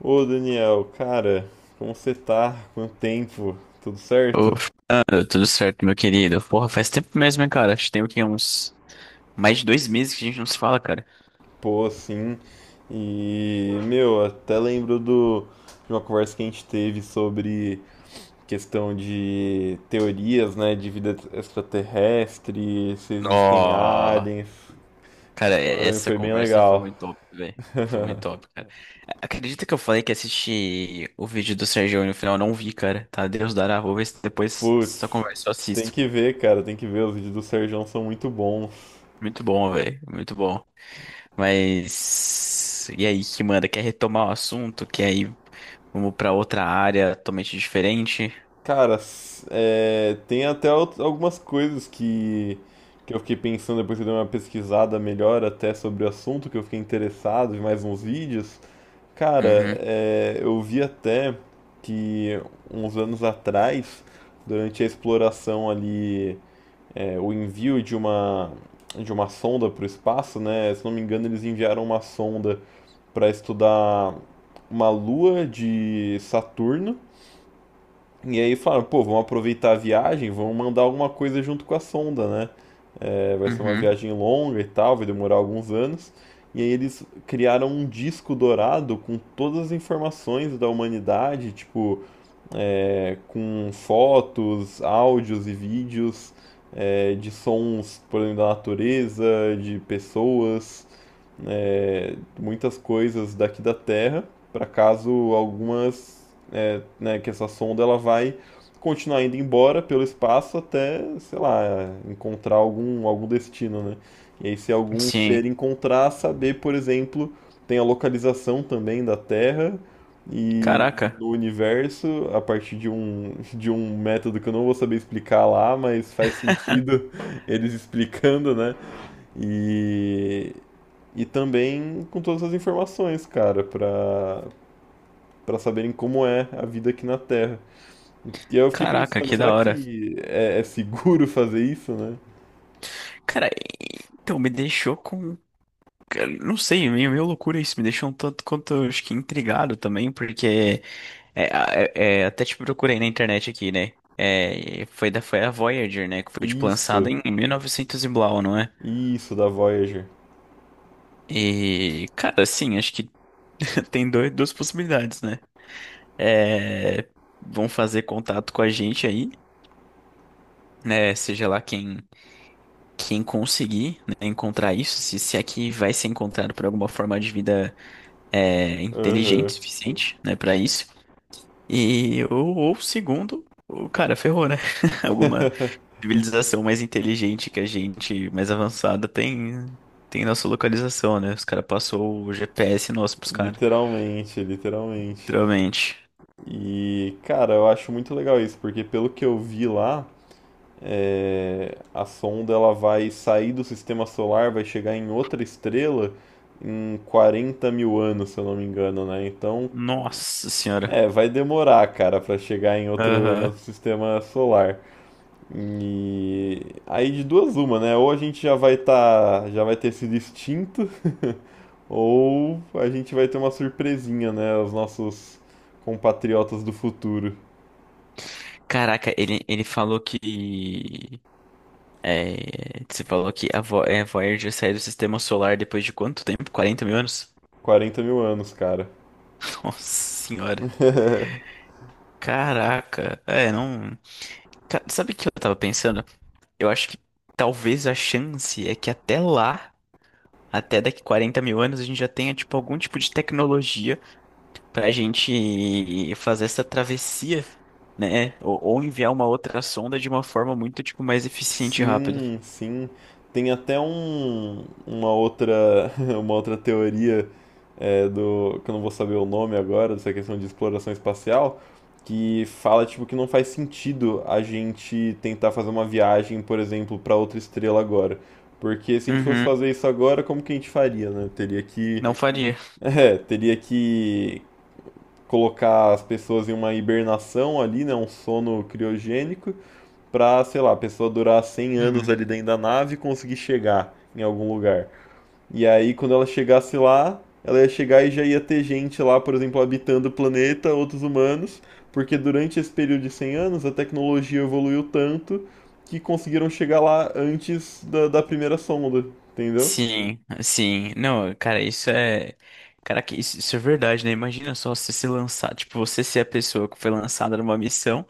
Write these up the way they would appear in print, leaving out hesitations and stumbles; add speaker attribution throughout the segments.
Speaker 1: Ô Daniel, cara, como você tá? Quanto tempo? Tudo
Speaker 2: Ô,
Speaker 1: certo?
Speaker 2: Fernando, tudo certo, meu querido? Porra, faz tempo mesmo, hein, cara? Acho que tem o quê? Uns mais de 2 meses que a gente não se fala, cara.
Speaker 1: Pô, sim. E, meu, até lembro do, de uma conversa que a gente teve sobre questão de teorias, né, de vida extraterrestre, se existem
Speaker 2: Nó!
Speaker 1: aliens.
Speaker 2: Cara,
Speaker 1: Foi,
Speaker 2: essa
Speaker 1: foi bem
Speaker 2: conversa foi
Speaker 1: legal.
Speaker 2: muito top, velho. Foi muito top, cara. Acredita que eu falei que assisti o vídeo do Sergio no final? Eu não vi, cara. Tá, Deus dará. Vou ver se depois dessa
Speaker 1: Putz,
Speaker 2: conversa eu
Speaker 1: tem
Speaker 2: assisto.
Speaker 1: que ver, cara, tem que ver. Os vídeos do Serjão são muito bons.
Speaker 2: Muito bom, velho. Muito bom. Mas. E aí, que manda? Quer retomar o assunto? Quer ir? Vamos pra outra área totalmente diferente?
Speaker 1: Cara, s- tem até out- algumas coisas que eu fiquei pensando depois que eu dei uma pesquisada melhor até sobre o assunto, que eu fiquei interessado, vi mais uns vídeos. Cara,
Speaker 2: Uhum,
Speaker 1: eu vi até que uns anos atrás, durante a exploração ali, o envio de uma sonda para o espaço, né? Se não me engano, eles enviaram uma sonda para estudar uma lua de Saturno. E aí falaram, pô, vamos aproveitar a viagem, vamos mandar alguma coisa junto com a sonda, né? É, vai ser uma
Speaker 2: uhum.
Speaker 1: viagem longa e tal, vai demorar alguns anos. E aí eles criaram um disco dourado com todas as informações da humanidade, tipo, com fotos, áudios e vídeos de sons, por exemplo, da natureza, de pessoas, muitas coisas daqui da Terra, para caso algumas, é, né, que essa sonda ela vai continuar indo embora pelo espaço até, sei lá, encontrar algum, algum destino, né? E aí, se algum ser
Speaker 2: Sim.
Speaker 1: encontrar, saber, por exemplo, tem a localização também da Terra e
Speaker 2: Caraca.
Speaker 1: no universo a partir de um método que eu não vou saber explicar lá, mas faz sentido eles explicando, né? E, e também com todas as informações, cara, para para saberem como é a vida aqui na Terra. E aí eu fiquei
Speaker 2: Caraca,
Speaker 1: pensando,
Speaker 2: que
Speaker 1: será
Speaker 2: da hora.
Speaker 1: que é, é seguro fazer isso, né?
Speaker 2: Cara, então me deixou com. Cara, não sei, é meio loucura isso. Me deixou um tanto quanto, acho que, intrigado também, porque. Até te procurei na internet aqui, né? É, foi a Voyager, né? Que foi, tipo, lançada
Speaker 1: Isso,
Speaker 2: em 1900 e novecentos e blau, não é?
Speaker 1: isso da Voyager.
Speaker 2: E, cara, assim, acho que tem duas possibilidades, né? É, vão fazer contato com a gente aí, né? Seja lá quem. Quem conseguir, né, encontrar isso, se é que vai ser encontrado por alguma forma de vida é, inteligente o
Speaker 1: Aham.
Speaker 2: suficiente, né, para isso. E ou segundo, o cara ferrou, né? Alguma civilização mais inteligente que a gente, mais avançada tem nossa localização, né? Os caras passou o GPS nosso pros caras,
Speaker 1: Literalmente, literalmente.
Speaker 2: literalmente.
Speaker 1: E, cara, eu acho muito legal isso, porque pelo que eu vi lá. A sonda ela vai sair do sistema solar, vai chegar em outra estrela em 40 mil anos, se eu não me engano, né? Então,
Speaker 2: Nossa senhora.
Speaker 1: é, vai demorar, cara, pra chegar em
Speaker 2: Aham.
Speaker 1: outro sistema solar. E aí de duas uma, né? Ou a gente já vai tá, já vai ter sido extinto, ou a gente vai ter uma surpresinha, né? Os nossos compatriotas do futuro.
Speaker 2: Caraca, ele falou que é, você falou que Voyager saiu do sistema solar depois de quanto tempo? 40 mil anos?
Speaker 1: 40 mil anos, cara.
Speaker 2: Nossa senhora. Caraca. É, não. Sabe o que eu tava pensando? Eu acho que talvez a chance é que até lá, até daqui 40 mil anos, a gente já tenha, tipo, algum tipo de tecnologia pra gente fazer essa travessia, né? Ou enviar uma outra sonda de uma forma muito, tipo, mais eficiente e rápida.
Speaker 1: Sim, sim. Tem até um, uma outra, uma outra teoria do, que eu não vou saber o nome agora, dessa questão de exploração espacial, que fala tipo que não faz sentido a gente tentar fazer uma viagem, por exemplo, para outra estrela agora. Porque se a gente fosse
Speaker 2: Uhum.
Speaker 1: fazer isso agora, como que a gente faria, né? Teria que,
Speaker 2: Não faria.
Speaker 1: é, teria que colocar as pessoas em uma hibernação ali, né, um sono criogênico, pra, sei lá, a pessoa durar 100 anos ali dentro da nave e conseguir chegar em algum lugar. E aí, quando ela chegasse lá, ela ia chegar e já ia ter gente lá, por exemplo, habitando o planeta, outros humanos, porque durante esse período de 100 anos a tecnologia evoluiu tanto que conseguiram chegar lá antes da, da primeira sonda, entendeu?
Speaker 2: Sim, sim. Não, cara, isso é. Cara, que isso é verdade, né? Imagina só você se lançar. Tipo, você ser a pessoa que foi lançada numa missão.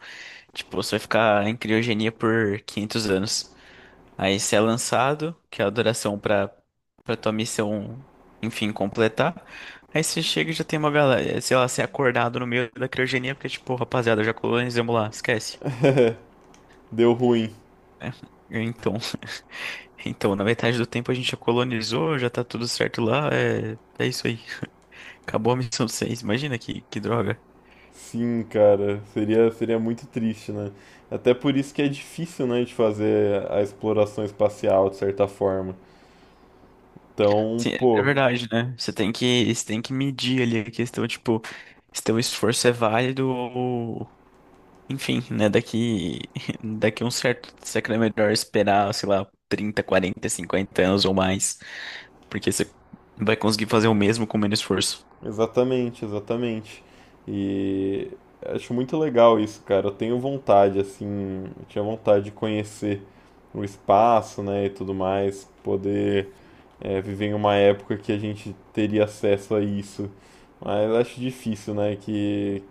Speaker 2: Tipo, você vai ficar em criogenia por 500 anos. Aí você é lançado, que é a duração pra tua missão, enfim, completar. Aí você chega e já tem uma galera. Sei lá, você é acordado no meio da criogenia, porque, tipo, rapaziada, já colonizamos lá, esquece.
Speaker 1: Deu ruim.
Speaker 2: É, então, então, na metade do tempo a gente já colonizou, já tá tudo certo lá, é isso aí. Acabou a missão 6 imagina que droga.
Speaker 1: Sim, cara, seria, seria muito triste, né? Até por isso que é difícil, né, de fazer a exploração espacial de certa forma. Então,
Speaker 2: Sim, é é
Speaker 1: pô,
Speaker 2: verdade, né? Você tem que medir ali a questão, tipo, se teu esforço é válido ou... Enfim, né? Daqui a um certo... Será que não é melhor esperar, sei lá, 30, 40, 50 anos ou mais? Porque você vai conseguir fazer o mesmo com menos esforço.
Speaker 1: exatamente, exatamente. E acho muito legal isso, cara. Eu tenho vontade, assim, eu tinha vontade de conhecer o espaço, né, e tudo mais, poder viver em uma época que a gente teria acesso a isso. Mas acho difícil, né, que,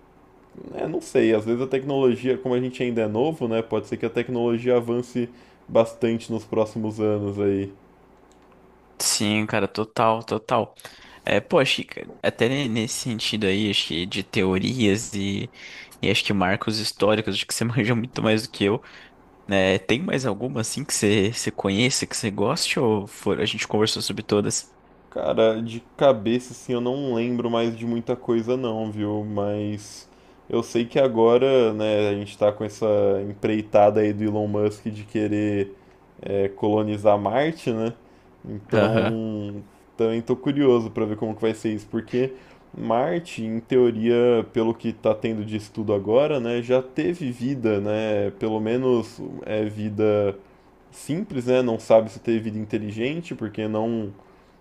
Speaker 1: é, não sei, às vezes a tecnologia, como a gente ainda é novo, né, pode ser que a tecnologia avance bastante nos próximos anos aí.
Speaker 2: Sim, cara, total, total. É, pô, acho que nesse sentido aí, acho que de teorias e acho que marcos históricos, acho que você manja muito mais do que eu. Né? Tem mais alguma assim que você conheça, que você goste, ou for, a gente conversou sobre todas?
Speaker 1: Cara, de cabeça, assim, eu não lembro mais de muita coisa não, viu? Mas eu sei que agora, né, a gente tá com essa empreitada aí do Elon Musk de querer colonizar Marte, né?
Speaker 2: Aham.
Speaker 1: Então, também tô curioso pra ver como que vai ser isso, porque Marte, em teoria, pelo que tá tendo de estudo agora, né, já teve vida, né? Pelo menos é vida simples, né? Não sabe se teve vida inteligente, porque não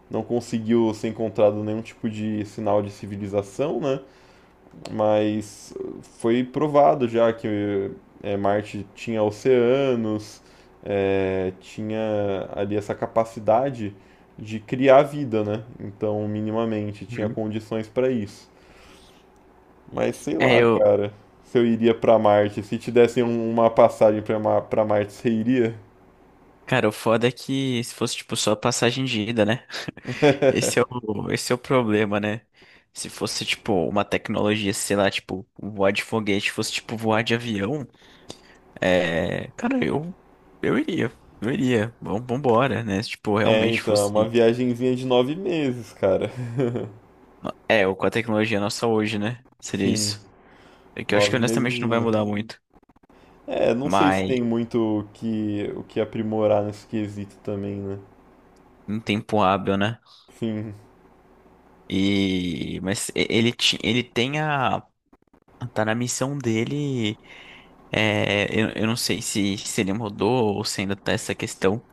Speaker 1: não conseguiu ser encontrado nenhum tipo de sinal de civilização, né? Mas foi provado já que é, Marte tinha oceanos, é, tinha ali essa capacidade de criar vida, né? Então, minimamente, tinha
Speaker 2: Uhum.
Speaker 1: condições para isso. Mas sei
Speaker 2: É,
Speaker 1: lá,
Speaker 2: eu.
Speaker 1: cara, se eu iria para Marte, se te dessem um- uma passagem para Ma pra Marte, você iria?
Speaker 2: Cara, o foda é que se fosse, tipo, só passagem de ida, né? Esse é esse é o problema, né? Se fosse, tipo, uma tecnologia, sei lá, tipo, voar de foguete, fosse, tipo, voar de avião, é. Cara, eu. Eu iria. Eu iria. Vamos, vambora, né? Se, tipo,
Speaker 1: É,
Speaker 2: realmente
Speaker 1: então, é uma
Speaker 2: fosse.
Speaker 1: viagenzinha de 9 meses, cara.
Speaker 2: É, ou com a tecnologia nossa hoje, né? Seria
Speaker 1: Sim,
Speaker 2: isso. É que eu acho que
Speaker 1: nove
Speaker 2: honestamente não vai
Speaker 1: mesezinha.
Speaker 2: mudar muito.
Speaker 1: É, não sei se
Speaker 2: Mas
Speaker 1: tem muito o que aprimorar nesse quesito também, né?
Speaker 2: em tempo hábil, né?
Speaker 1: Enfim,
Speaker 2: E mas ele tem a tá na missão dele. É, eu não sei se ele mudou ou se ainda tá essa questão.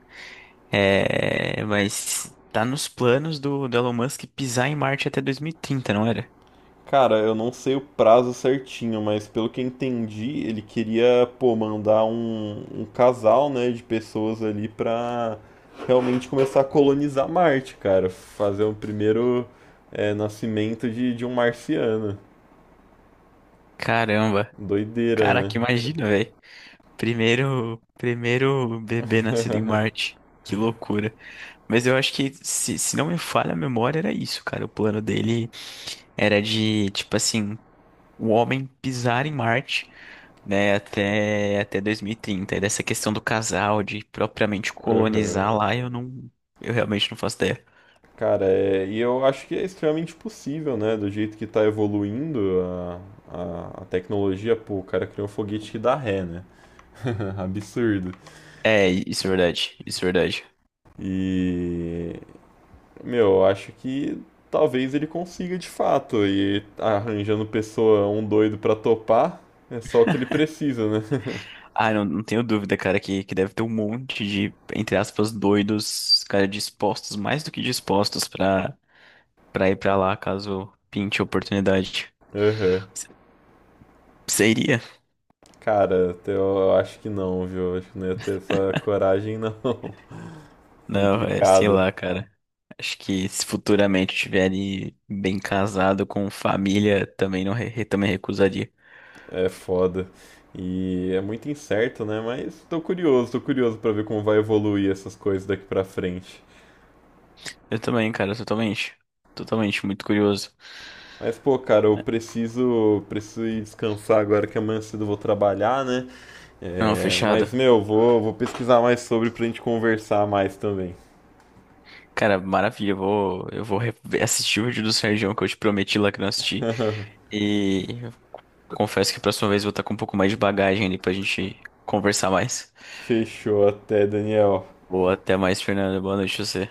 Speaker 2: É, mas tá nos planos do Elon Musk pisar em Marte até 2030, não era?
Speaker 1: cara, eu não sei o prazo certinho, mas pelo que eu entendi, ele queria, pô, mandar um, um casal, né, de pessoas ali pra realmente começar a colonizar Marte, cara. Fazer o primeiro, nascimento de um marciano.
Speaker 2: Caramba.
Speaker 1: Doideira,
Speaker 2: Caraca,
Speaker 1: né?
Speaker 2: imagina, velho. Primeiro bebê nascido em Marte. Que loucura. Mas eu acho que, se não me falha a memória, era isso, cara. O plano dele era de, tipo assim, o homem pisar em Marte, né, até 2030. E trinta. E dessa questão do casal, de propriamente
Speaker 1: Aham.
Speaker 2: colonizar lá, eu realmente não faço ideia.
Speaker 1: Cara, é, e eu acho que é extremamente possível, né? Do jeito que tá evoluindo a tecnologia, pô, o cara criou um foguete que dá ré, né? Absurdo.
Speaker 2: É, isso é verdade, isso é verdade.
Speaker 1: E, meu, eu acho que talvez ele consiga de fato. E arranjando pessoa, um doido pra topar, é só o que ele precisa, né?
Speaker 2: Ah, não, não tenho dúvida, cara, que deve ter um monte de, entre aspas, doidos, cara, dispostos, mais do que dispostos pra ir pra lá, caso pinte a oportunidade.
Speaker 1: Aham.
Speaker 2: Seria.
Speaker 1: Cara, até eu acho que não, viu? Acho que não ia ter essa coragem, não.
Speaker 2: Não, é, sei
Speaker 1: Complicado.
Speaker 2: lá, cara. Acho que se futuramente estiverem bem casado com família, também não re- re- também recusaria.
Speaker 1: É foda. E é muito incerto, né? Mas tô curioso pra ver como vai evoluir essas coisas daqui pra frente.
Speaker 2: Eu também, cara, totalmente. Totalmente, muito curioso.
Speaker 1: Mas, pô, cara, eu preciso, preciso ir descansar agora que amanhã cedo eu vou trabalhar, né?
Speaker 2: Não,
Speaker 1: É,
Speaker 2: fechado.
Speaker 1: mas, meu, vou, vou pesquisar mais sobre pra gente conversar mais também.
Speaker 2: Cara, maravilha, eu vou assistir o vídeo do Sérgio que eu te prometi lá que não assisti. E confesso que a próxima vez eu vou estar com um pouco mais de bagagem ali pra gente conversar mais.
Speaker 1: Fechou, até, Daniel.
Speaker 2: Boa, até mais, Fernando. Boa noite pra você.